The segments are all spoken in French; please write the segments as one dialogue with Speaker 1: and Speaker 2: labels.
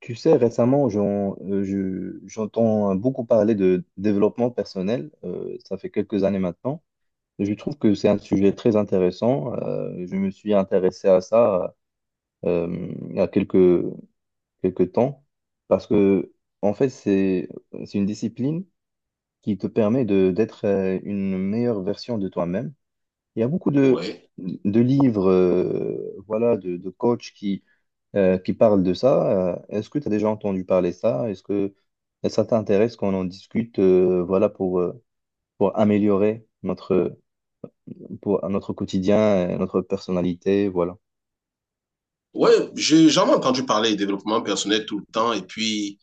Speaker 1: Tu sais, récemment, j'entends beaucoup parler de développement personnel. Ça fait quelques années maintenant. Je trouve que c'est un sujet très intéressant. Je me suis intéressé à ça euh, il y a quelques temps parce que, en fait, c'est une discipline qui te permet d'être une meilleure version de toi-même. Il y a beaucoup
Speaker 2: Ouais.
Speaker 1: de livres, voilà, de coachs qui parle de ça. Est-ce que tu as déjà entendu parler de ça? Est-ce que ça t'intéresse qu'on en discute, voilà, pour améliorer pour, notre quotidien, et notre personnalité, voilà.
Speaker 2: Ouais, j'ai jamais entendu parler de développement personnel tout le temps. Et puis,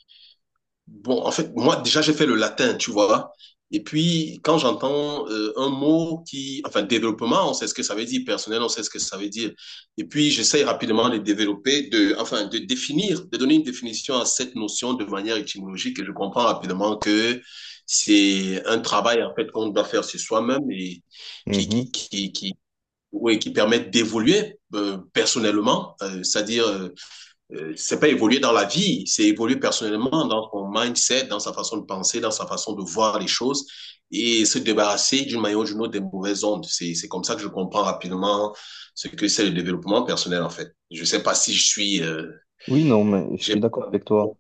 Speaker 2: bon, en fait, moi, déjà, j'ai fait le latin, tu vois. Et puis, quand j'entends un mot qui, enfin, développement, on sait ce que ça veut dire, personnel, on sait ce que ça veut dire. Et puis, j'essaye rapidement de développer, de, enfin, de définir, de donner une définition à cette notion de manière étymologique. Et je comprends rapidement que c'est un travail, en fait, qu'on doit faire sur soi-même et qui,
Speaker 1: Mhm.
Speaker 2: qui, qui, qui oui, qui permettent d'évoluer personnellement, c'est-à-dire c'est pas évoluer dans la vie, c'est évoluer personnellement dans son mindset, dans sa façon de penser, dans sa façon de voir les choses et se débarrasser d'une manière ou d'une autre des mauvaises ondes. C'est comme ça que je comprends rapidement ce que c'est le développement personnel en fait. Je sais pas si je suis
Speaker 1: Oui, non, mais je suis
Speaker 2: j'ai
Speaker 1: d'accord avec toi.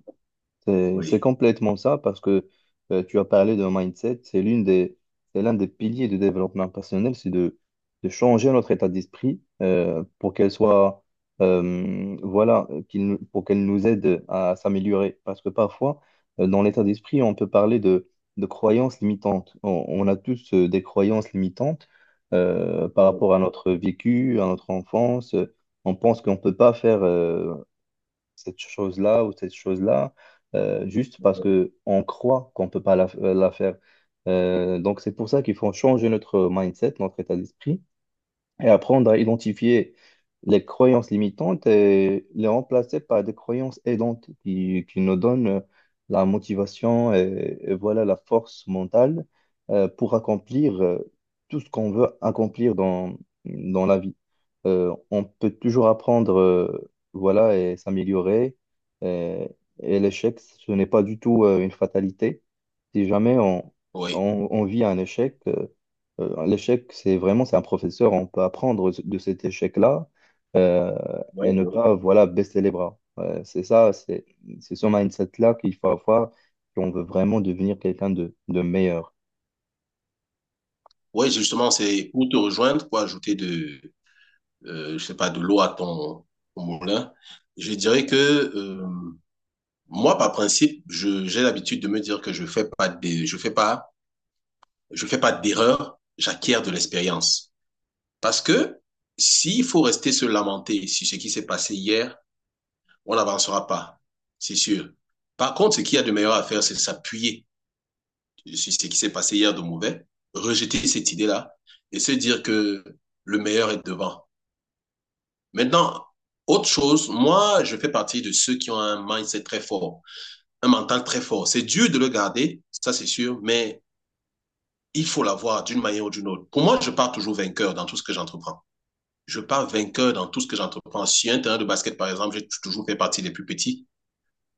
Speaker 1: C'est
Speaker 2: oui.
Speaker 1: complètement ça parce que tu as parlé de mindset, c'est l'un des piliers du développement personnel, c'est de changer notre état d'esprit pour qu'elle soit, pour qu'elle nous aide à s'améliorer. Parce que parfois, dans l'état d'esprit, on peut parler de croyances limitantes. On a tous des croyances limitantes par rapport à notre vécu, à notre enfance. On pense qu'on ne peut pas faire cette chose-là ou cette chose-là, juste parce que on croit qu'on peut pas la, la faire. Donc, c'est pour ça qu'il faut changer notre mindset, notre état d'esprit, et apprendre à identifier les croyances limitantes et les remplacer par des croyances aidantes qui nous donnent la motivation et voilà la force mentale pour accomplir tout ce qu'on veut accomplir dans la vie. On peut toujours apprendre voilà et s'améliorer et, et l'échec, ce n'est pas du tout une fatalité. Si jamais on,
Speaker 2: Oui.
Speaker 1: on, on vit un échec, l'échec, c'est un professeur, on peut apprendre de cet échec-là euh,
Speaker 2: Oui,
Speaker 1: et ne
Speaker 2: oui.
Speaker 1: pas, voilà, baisser les bras. Ouais, c'est ça, c'est ce mindset-là qu'il faut avoir si on veut vraiment devenir quelqu'un de meilleur.
Speaker 2: Oui, justement, c'est pour te rejoindre, pour ajouter de je sais pas, de l'eau à ton moulin, je dirais que moi, par principe, j'ai l'habitude de me dire que je fais pas des, je fais pas d'erreur, j'acquiers de l'expérience. Parce que s'il faut rester se lamenter sur ce qui s'est passé hier, on n'avancera pas, c'est sûr. Par contre, ce qu'il y a de meilleur à faire, c'est s'appuyer sur ce qui s'est passé hier de mauvais, rejeter cette idée-là et se dire que le meilleur est devant. Maintenant, autre chose, moi, je fais partie de ceux qui ont un mindset très fort, un mental très fort. C'est dur de le garder, ça c'est sûr, mais il faut l'avoir d'une manière ou d'une autre. Pour moi, je pars toujours vainqueur dans tout ce que j'entreprends. Je pars vainqueur dans tout ce que j'entreprends. Si un terrain de basket, par exemple, j'ai toujours fait partie des plus petits,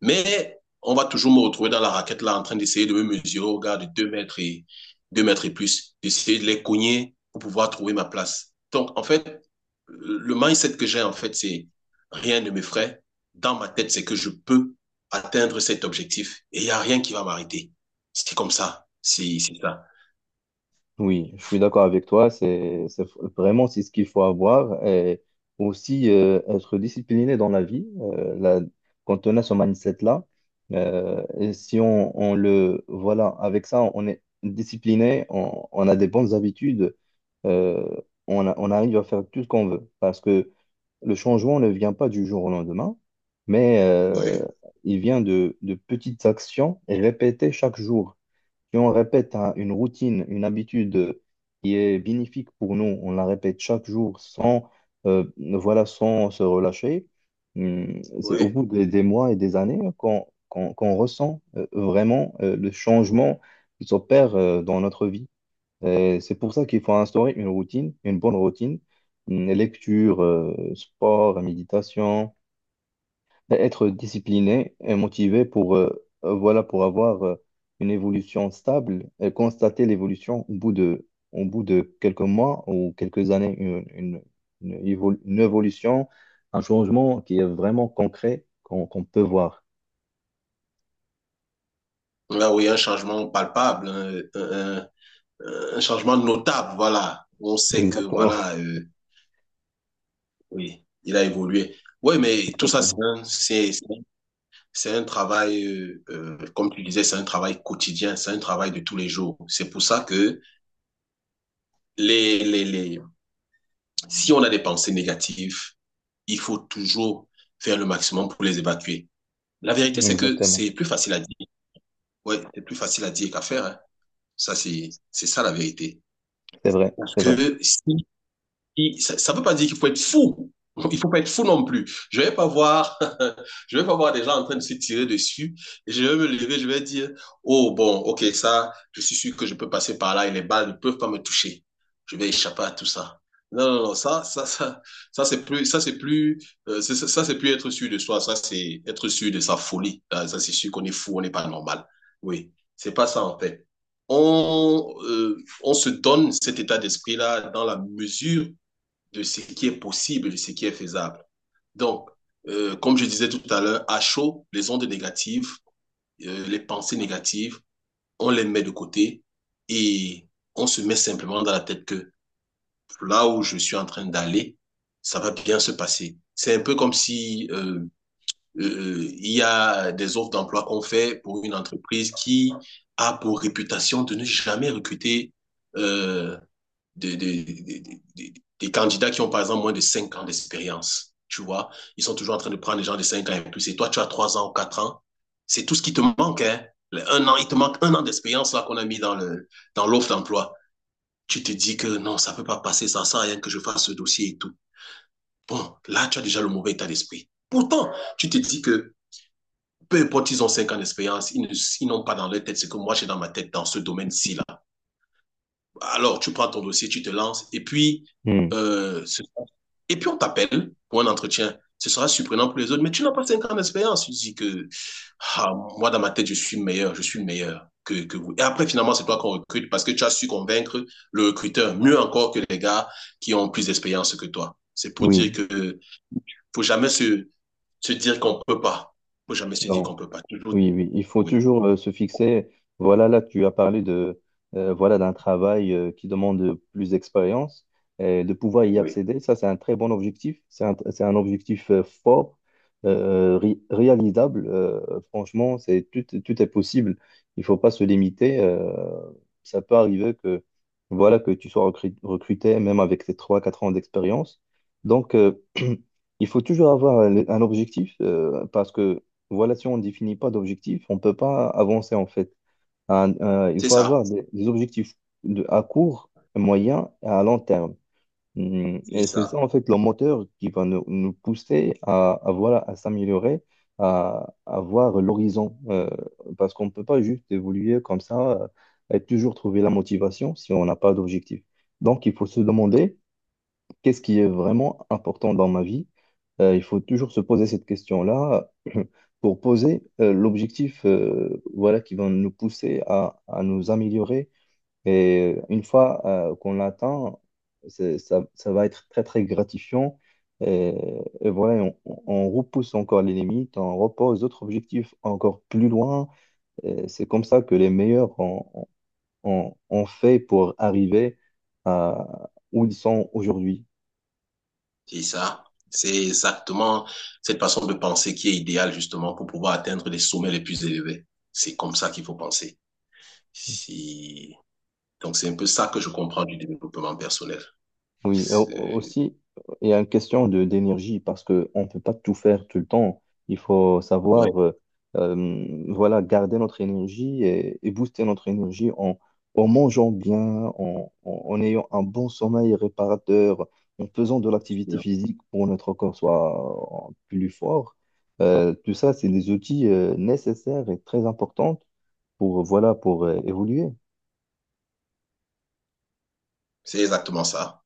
Speaker 2: mais on va toujours me retrouver dans la raquette là en train d'essayer de me mesurer au gars de 2 mètres et 2 mètres et plus, d'essayer de les cogner pour pouvoir trouver ma place. Donc en fait, le mindset que j'ai en fait, c'est rien ne m'effraie. Dans ma tête, c'est que je peux atteindre cet objectif et il n'y a rien qui va m'arrêter. C'est comme ça, c'est ça.
Speaker 1: Oui, je suis d'accord avec toi. C'est vraiment c'est ce qu'il faut avoir et aussi être discipliné dans la vie. Quand on a ce mindset-là, et si on, on le voilà avec ça, on est discipliné, on a des bonnes habitudes, euh, on arrive à faire tout ce qu'on veut parce que le changement ne vient pas du jour au lendemain, mais
Speaker 2: Oui,
Speaker 1: il vient de petites actions répétées chaque jour. Si on répète une routine, une habitude qui est bénéfique pour nous, on la répète chaque jour sans, voilà, sans se relâcher, c'est au
Speaker 2: oui.
Speaker 1: bout des mois et des années hein, qu'on ressent vraiment le changement qui s'opère dans notre vie. Et c'est pour ça qu'il faut instaurer une routine, une bonne routine, lecture, sport, méditation. Ben, être discipliné et motivé voilà, pour avoir une évolution stable et constater l'évolution au bout de quelques mois ou quelques années, une évolution, un changement qui est vraiment concret qu'on peut voir.
Speaker 2: Là où il y a un changement palpable, un changement notable, voilà. On sait que
Speaker 1: Exactement,
Speaker 2: voilà, Oui, il a évolué. Oui, mais tout ça,
Speaker 1: exactement,
Speaker 2: c'est un travail, comme tu disais, c'est un travail quotidien, c'est un travail de tous les jours. C'est pour ça que les, les, les, si on a des pensées négatives, il faut toujours faire le maximum pour les évacuer. La vérité, c'est que
Speaker 1: exactement.
Speaker 2: c'est plus facile à dire. Oui, c'est plus facile à dire qu'à faire, hein. Ça, c'est ça la vérité.
Speaker 1: C'est vrai,
Speaker 2: Parce
Speaker 1: c'est vrai.
Speaker 2: que si Et ça ne veut pas dire qu'il faut être fou. Il ne faut pas être fou non plus. Je ne vais pas voir, je vais pas voir des gens en train de se tirer dessus. Et je vais me lever, je vais dire, oh bon, ok, ça, je suis sûr que je peux passer par là et les balles ne peuvent pas me toucher. Je vais échapper à tout ça. Non, non, non, ça c'est plus, c'est plus être sûr de soi. Ça c'est être sûr de sa folie. Ah, ça c'est sûr qu'on est fou, on n'est pas normal. Oui, c'est pas ça en fait. On, euh, on se donne cet état d'esprit-là dans la mesure de ce qui est possible, de ce qui est faisable. Donc, comme je disais tout à l'heure, à chaud, les ondes négatives, les pensées négatives, on les met de côté et on se met simplement dans la tête que là où je suis en train d'aller, ça va bien se passer. C'est un peu comme si il y a des offres d'emploi qu'on fait pour une entreprise qui a pour réputation de ne jamais recruter euh, des, des, des, des des candidats qui ont, par exemple, moins de 5 ans d'expérience. Tu vois, ils sont toujours en train de prendre des gens de 5 ans et plus. Et toi, tu as 3 ans ou 4 ans. C'est tout ce qui te manque, hein. Un an, il te manque un an d'expérience là qu'on a mis dans le dans l'offre d'emploi. Tu te dis que non, ça peut pas passer, ça sert à rien que je fasse ce dossier et tout. Bon, là, tu as déjà le mauvais état d'esprit. Pourtant, tu te dis que peu importe, ils ont 5 ans d'expérience, ils n'ont pas dans leur tête ce que moi j'ai dans ma tête dans ce domaine-ci là. Alors, tu prends ton dossier, tu te lances, et puis,
Speaker 1: Hmm.
Speaker 2: euh, ce- et puis on t'appelle pour un entretien. Ce sera surprenant pour les autres, mais tu n'as pas 5 ans d'expérience. Tu dis que, ah, moi, dans ma tête, je suis meilleur que vous. Et après, finalement, c'est toi qu'on recrute parce que tu as su convaincre le recruteur, mieux encore que les gars qui ont plus d'expérience que toi. C'est pour
Speaker 1: Oui,
Speaker 2: dire que faut jamais se, se dire qu'on peut pas. Faut jamais se dire qu'on
Speaker 1: non.
Speaker 2: peut pas. Toujours,
Speaker 1: Oui, oui, il faut
Speaker 2: oui.
Speaker 1: toujours se fixer. Voilà, là, tu as parlé voilà, d'un travail qui demande plus d'expérience et de pouvoir y accéder. Ça, c'est un très bon objectif. C'est un objectif fort, réalisable. Franchement, tout est possible. Il faut pas se limiter. Ça peut arriver que, voilà, que tu sois recruté, même avec tes trois, quatre ans d'expérience. Donc, il faut toujours avoir un objectif parce que voilà, si on ne définit pas d'objectifs, on ne peut pas avancer en fait. Il
Speaker 2: C'est
Speaker 1: faut
Speaker 2: ça.
Speaker 1: avoir des objectifs de, à court, moyen et à long terme.
Speaker 2: C'est
Speaker 1: Et c'est ça
Speaker 2: ça.
Speaker 1: en fait le moteur qui va nous pousser voilà, à s'améliorer, à voir l'horizon. Parce qu'on ne peut pas juste évoluer comme ça et toujours trouver la motivation si on n'a pas d'objectif. Donc il faut se demander qu'est-ce qui est vraiment important dans ma vie? Il faut toujours se poser cette question-là pour poser l'objectif voilà, qui va nous pousser à nous améliorer. Et une fois qu'on l'atteint, ça va être très, très gratifiant. Et, et voilà, on on repousse encore les limites, on repose d'autres objectifs encore plus loin. Et c'est comme ça que les meilleurs ont fait pour arriver à où ils sont aujourd'hui.
Speaker 2: C'est ça. C'est exactement cette façon de penser qui est idéale justement pour pouvoir atteindre les sommets les plus élevés. C'est comme ça qu'il faut penser. Si... Donc c'est un peu ça que je comprends du développement personnel.
Speaker 1: Oui, et au-
Speaker 2: C'est
Speaker 1: Aussi, il y a une question de d'énergie parce qu'on ne peut pas tout faire tout le temps. Il faut
Speaker 2: ouais,
Speaker 1: savoir voilà, garder notre énergie et booster notre énergie en mangeant bien, en ayant un bon sommeil réparateur, en faisant de l'activité physique pour que notre corps soit plus fort. Tout ça, c'est des outils nécessaires et très importants pour, voilà, pour évoluer.
Speaker 2: c'est exactement ça.